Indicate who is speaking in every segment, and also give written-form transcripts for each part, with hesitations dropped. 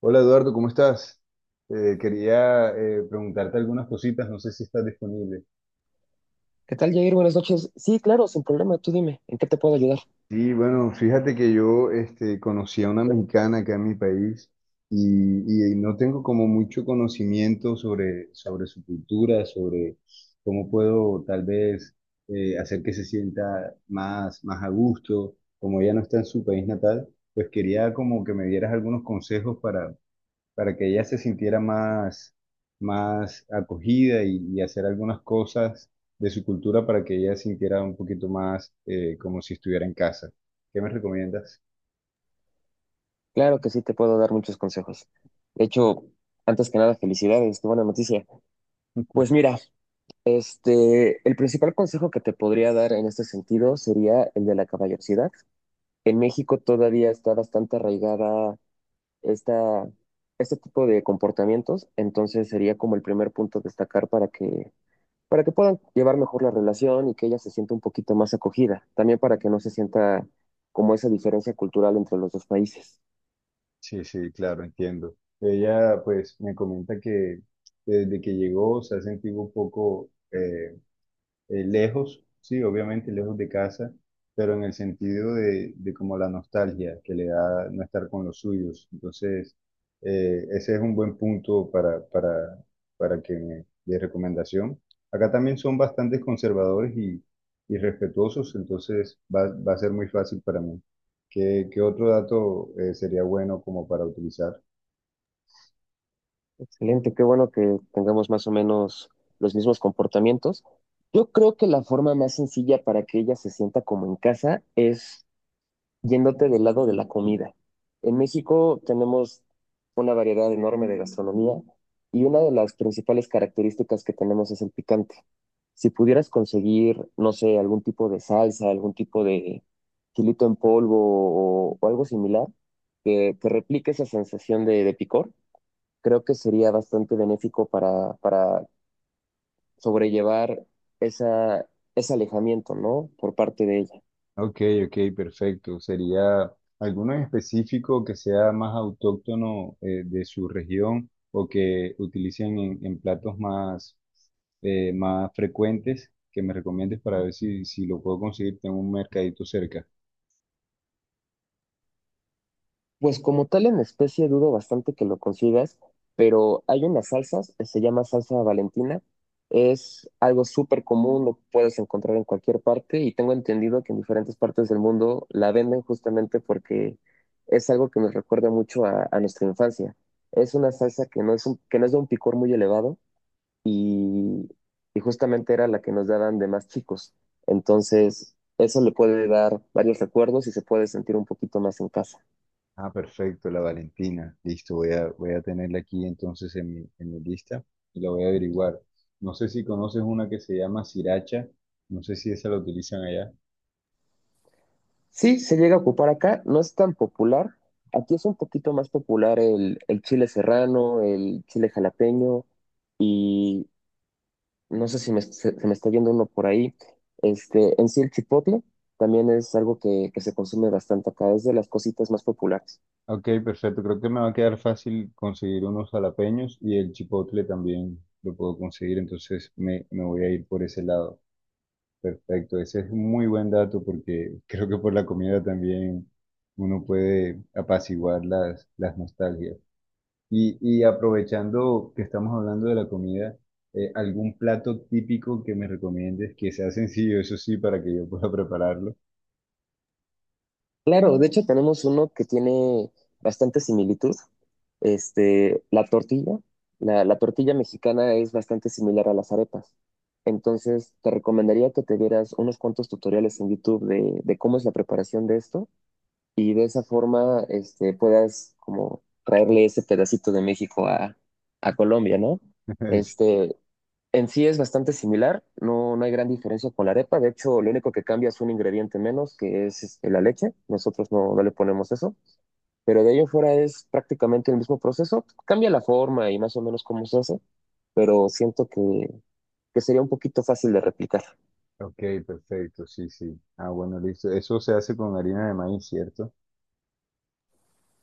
Speaker 1: Hola Eduardo, ¿cómo estás? Quería preguntarte algunas cositas, no sé si estás disponible.
Speaker 2: ¿Qué tal, Jair? Buenas noches. Sí, claro, sin problema. Tú dime, ¿en qué te puedo ayudar?
Speaker 1: Sí, bueno, fíjate que yo conocí a una mexicana acá en mi país y no tengo como mucho conocimiento sobre su cultura, sobre cómo puedo tal vez hacer que se sienta más a gusto. Como ella no está en su país natal, pues quería como que me dieras algunos consejos para que ella se sintiera más acogida y hacer algunas cosas de su cultura para que ella sintiera un poquito más como si estuviera en casa. ¿Qué me recomiendas?
Speaker 2: Claro que sí, te puedo dar muchos consejos. De hecho, antes que nada, felicidades, qué buena noticia. Pues mira, el principal consejo que te podría dar en este sentido sería el de la caballerosidad. En México todavía está bastante arraigada esta, este tipo de comportamientos, entonces sería como el primer punto a destacar para que puedan llevar mejor la relación y que ella se sienta un poquito más acogida, también para que no se sienta como esa diferencia cultural entre los dos países.
Speaker 1: Sí, sí, claro, entiendo. Ella pues me comenta que desde que llegó se ha sentido un poco lejos, sí, obviamente lejos de casa, pero en el sentido de como la nostalgia que le da no estar con los suyos. Entonces, ese es un buen punto para que de recomendación. Acá también son bastante conservadores y respetuosos, entonces va a ser muy fácil para mí. ¿ qué otro dato sería bueno como para utilizar?
Speaker 2: Excelente, qué bueno que tengamos más o menos los mismos comportamientos. Yo creo que la forma más sencilla para que ella se sienta como en casa es yéndote del lado de la comida. En México tenemos una variedad enorme de gastronomía y una de las principales características que tenemos es el picante. Si pudieras conseguir, no sé, algún tipo de salsa, algún tipo de chilito en polvo o algo similar que replique esa sensación de picor, creo que sería bastante benéfico para sobrellevar esa, ese alejamiento, ¿no? Por parte de ella.
Speaker 1: Ok, ok, perfecto. ¿Sería alguno en específico que sea más autóctono de su región o que utilicen en platos más frecuentes que me recomiendes para ver si lo puedo conseguir en un mercadito cerca?
Speaker 2: Pues como tal en especie dudo bastante que lo consigas, pero hay unas salsas, se llama salsa Valentina, es algo súper común, lo puedes encontrar en cualquier parte y tengo entendido que en diferentes partes del mundo la venden justamente porque es algo que nos recuerda mucho a nuestra infancia. Es una salsa que que no es de un picor muy elevado y, y justamente era la que nos daban de más chicos. Entonces, eso le puede dar varios recuerdos y se puede sentir un poquito más en casa.
Speaker 1: Ah, perfecto, la Valentina. Listo, voy a tenerla aquí entonces en en mi lista y la voy a averiguar. No sé si conoces una que se llama sriracha, no sé si esa la utilizan allá.
Speaker 2: Sí, se llega a ocupar acá, no es tan popular. Aquí es un poquito más popular el chile serrano, el chile jalapeño y no sé si se me está yendo uno por ahí. Este, en sí el chipotle también es algo que se consume bastante acá, es de las cositas más populares.
Speaker 1: Ok, perfecto. Creo que me va a quedar fácil conseguir unos jalapeños y el chipotle también lo puedo conseguir, entonces me voy a ir por ese lado. Perfecto, ese es un muy buen dato porque creo que por la comida también uno puede apaciguar las nostalgias. Y aprovechando que estamos hablando de la comida, ¿algún plato típico que me recomiendes que sea sencillo, eso sí, para que yo pueda prepararlo?
Speaker 2: Claro, de hecho tenemos uno que tiene bastante similitud. Este, la tortilla, la tortilla mexicana es bastante similar a las arepas. Entonces, te recomendaría que te vieras unos cuantos tutoriales en YouTube de cómo es la preparación de esto y de esa forma este, puedas como traerle ese pedacito de México a Colombia, ¿no? Este, en sí es bastante similar, no, no hay gran diferencia con la arepa, de hecho lo único que cambia es un ingrediente menos, que es este, la leche, nosotros no, no le ponemos eso, pero de ello en fuera es prácticamente el mismo proceso, cambia la forma y más o menos cómo se hace, pero siento que sería un poquito fácil de replicar.
Speaker 1: Ok, perfecto, sí, sí. Ah, bueno, listo. Eso se hace con harina de maíz, ¿cierto?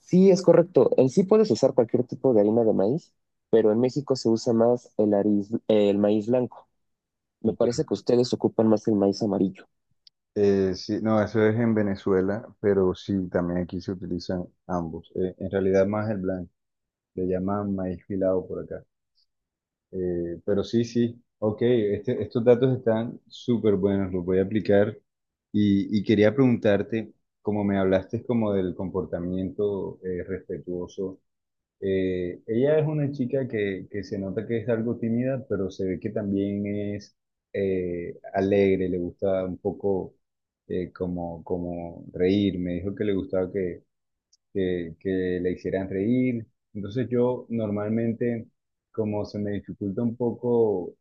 Speaker 2: Sí, es correcto. En sí puedes usar cualquier tipo de harina de maíz, pero en México se usa más el maíz blanco. Me
Speaker 1: Ok.
Speaker 2: parece que ustedes ocupan más el maíz amarillo.
Speaker 1: Sí, no, eso es en Venezuela, pero sí, también aquí se utilizan ambos. En realidad más el blanco, le llaman maíz pilado por acá. Pero sí, sí, ok, estos datos están súper buenos, los voy a aplicar. Y quería preguntarte, como me hablaste como del comportamiento respetuoso. Ella es una chica que se nota que es algo tímida, pero se ve que también es alegre, le gusta un poco como reír. Me dijo que le gustaba que le hicieran reír. Entonces yo normalmente, como se me dificulta un poco,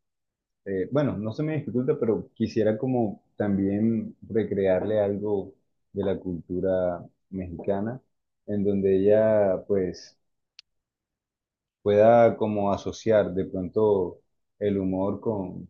Speaker 1: bueno, no se me dificulta, pero quisiera como también recrearle algo de la cultura mexicana, en donde ella pues pueda como asociar de pronto el humor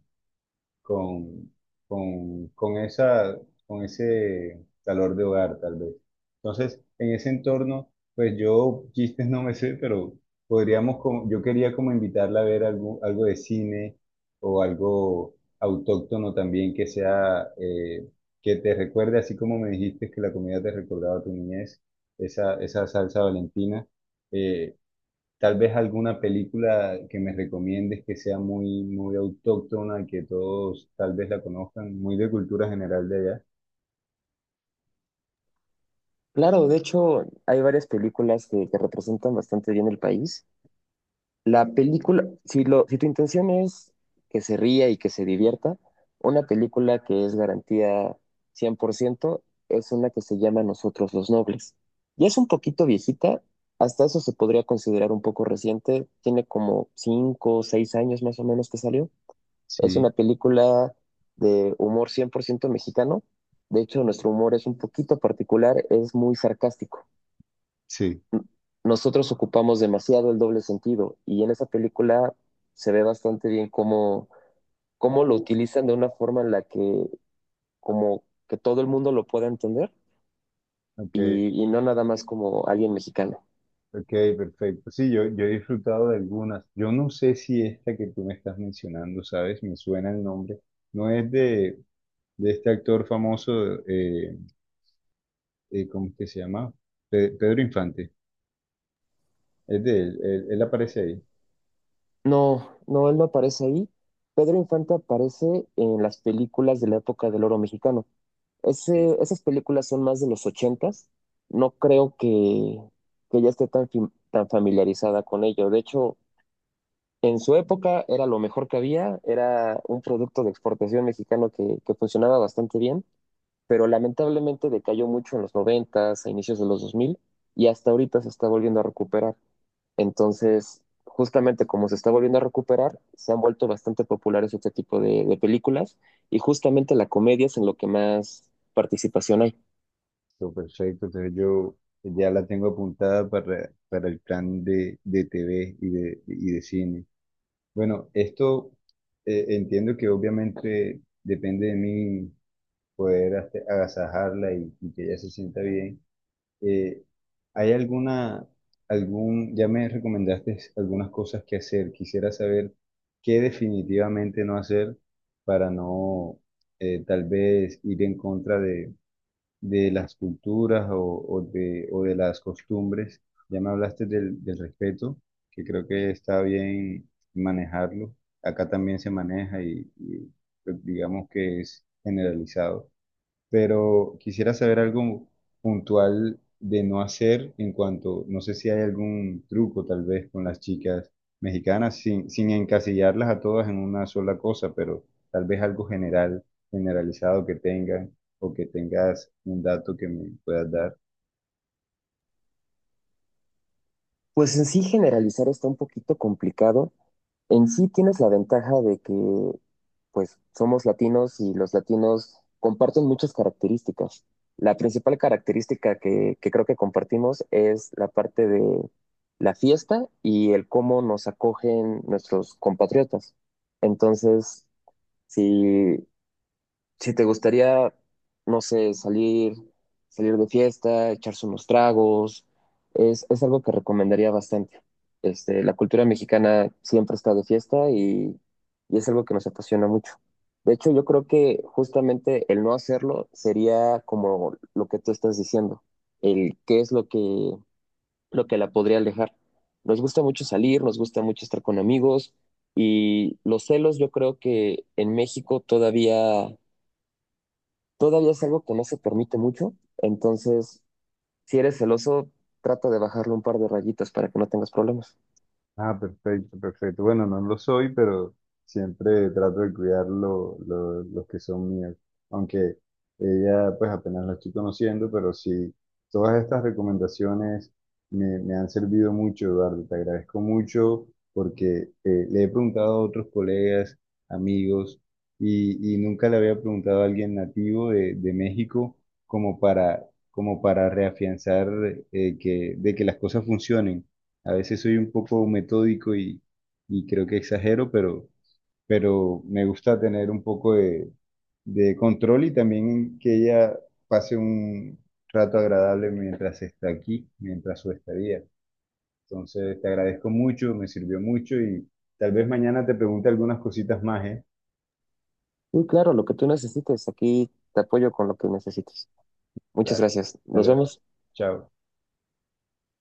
Speaker 1: con, con esa, con ese calor de hogar, tal vez. Entonces, en ese entorno, pues yo chistes no me sé, pero podríamos, como, yo quería como invitarla a ver algo, algo de cine o algo autóctono también que sea, que te recuerde, así como me dijiste que la comida te recordaba tu niñez, esa salsa valentina. eh, Tal vez alguna película que me recomiendes que sea muy autóctona, que todos tal vez la conozcan, muy de cultura general de allá.
Speaker 2: Claro, de hecho, hay varias películas que representan bastante bien el país. La película, si, lo, si tu intención es que se ría y que se divierta, una película que es garantía 100% es una que se llama Nosotros los Nobles. Ya es un poquito viejita, hasta eso se podría considerar un poco reciente, tiene como 5 o 6 años más o menos que salió. Es una
Speaker 1: Sí,
Speaker 2: película de humor 100% mexicano, de hecho nuestro humor es un poquito particular, es muy sarcástico,
Speaker 1: sí.
Speaker 2: nosotros ocupamos demasiado el doble sentido y en esa película se ve bastante bien cómo, cómo lo utilizan de una forma en la que como que todo el mundo lo pueda entender
Speaker 1: Ok,
Speaker 2: y no nada más como alguien mexicano.
Speaker 1: ok, perfecto. Sí, yo he disfrutado de algunas. Yo no sé si esta que tú me estás mencionando, ¿sabes? Me suena el nombre. No es de este actor famoso, eh, ¿cómo es que se llama? Pedro Infante. Es de él, él aparece ahí.
Speaker 2: No, no, él no aparece ahí. Pedro Infante aparece en las películas de la época del oro mexicano. Esas películas son más de los ochentas. No creo que ya esté tan, tan familiarizada con ello. De hecho, en su época era lo mejor que había, era un producto de exportación mexicano que funcionaba bastante bien, pero lamentablemente decayó mucho en los noventas, a inicios de los 2000 y hasta ahorita se está volviendo a recuperar. Entonces, justamente como se está volviendo a recuperar, se han vuelto bastante populares este tipo de películas y justamente la comedia es en lo que más participación hay.
Speaker 1: Listo, perfecto. Entonces yo ya la tengo apuntada para el plan de TV y de cine. Bueno, esto entiendo que obviamente depende de mí poder agasajarla y que ella se sienta bien. Eh, ¿Hay alguna, algún, ya me recomendaste algunas cosas que hacer? Quisiera saber qué definitivamente no hacer para no tal vez ir en contra de las culturas o de las costumbres. Ya me hablaste del respeto, que creo que está bien manejarlo. Acá también se maneja pues, digamos que es generalizado, pero quisiera saber algo puntual de no hacer en cuanto, no sé si hay algún truco tal vez con las chicas mexicanas, sin encasillarlas a todas en una sola cosa, pero tal vez algo general, generalizado que tengan o que tengas un dato que me puedas dar.
Speaker 2: Pues en sí generalizar está un poquito complicado. En sí tienes la ventaja de que, pues, somos latinos y los latinos comparten muchas características. La principal característica que creo que compartimos es la parte de la fiesta y el cómo nos acogen nuestros compatriotas. Entonces, si si te gustaría, no sé, salir de fiesta, echarse unos tragos, es algo que recomendaría bastante. Este, la cultura mexicana siempre está de fiesta y es algo que nos apasiona mucho. De hecho, yo creo que justamente el no hacerlo sería como lo que tú estás diciendo, el qué es lo lo que la podría alejar. Nos gusta mucho salir, nos gusta mucho estar con amigos y los celos yo creo que en México todavía es algo que no se permite mucho, entonces si eres celoso, trata de bajarle un par de rayitas para que no tengas problemas.
Speaker 1: Ah, perfecto, perfecto. Bueno, no lo soy, pero siempre trato de cuidar los que son míos. Aunque ella, pues apenas la estoy conociendo, pero sí, todas estas recomendaciones me han servido mucho, Eduardo. Te agradezco mucho porque le he preguntado a otros colegas, amigos, y nunca le había preguntado a alguien nativo de México como para, como para reafianzar de que las cosas funcionen. A veces soy un poco metódico y creo que exagero, pero me gusta tener un poco de control y también que ella pase un rato agradable mientras está aquí, mientras su estadía. Entonces, te agradezco mucho, me sirvió mucho y tal vez mañana te pregunte algunas cositas más, ¿eh?
Speaker 2: Y claro, lo que tú necesites, aquí te apoyo con lo que necesites. Muchas
Speaker 1: Dale,
Speaker 2: gracias. Nos
Speaker 1: dale,
Speaker 2: vemos.
Speaker 1: chao.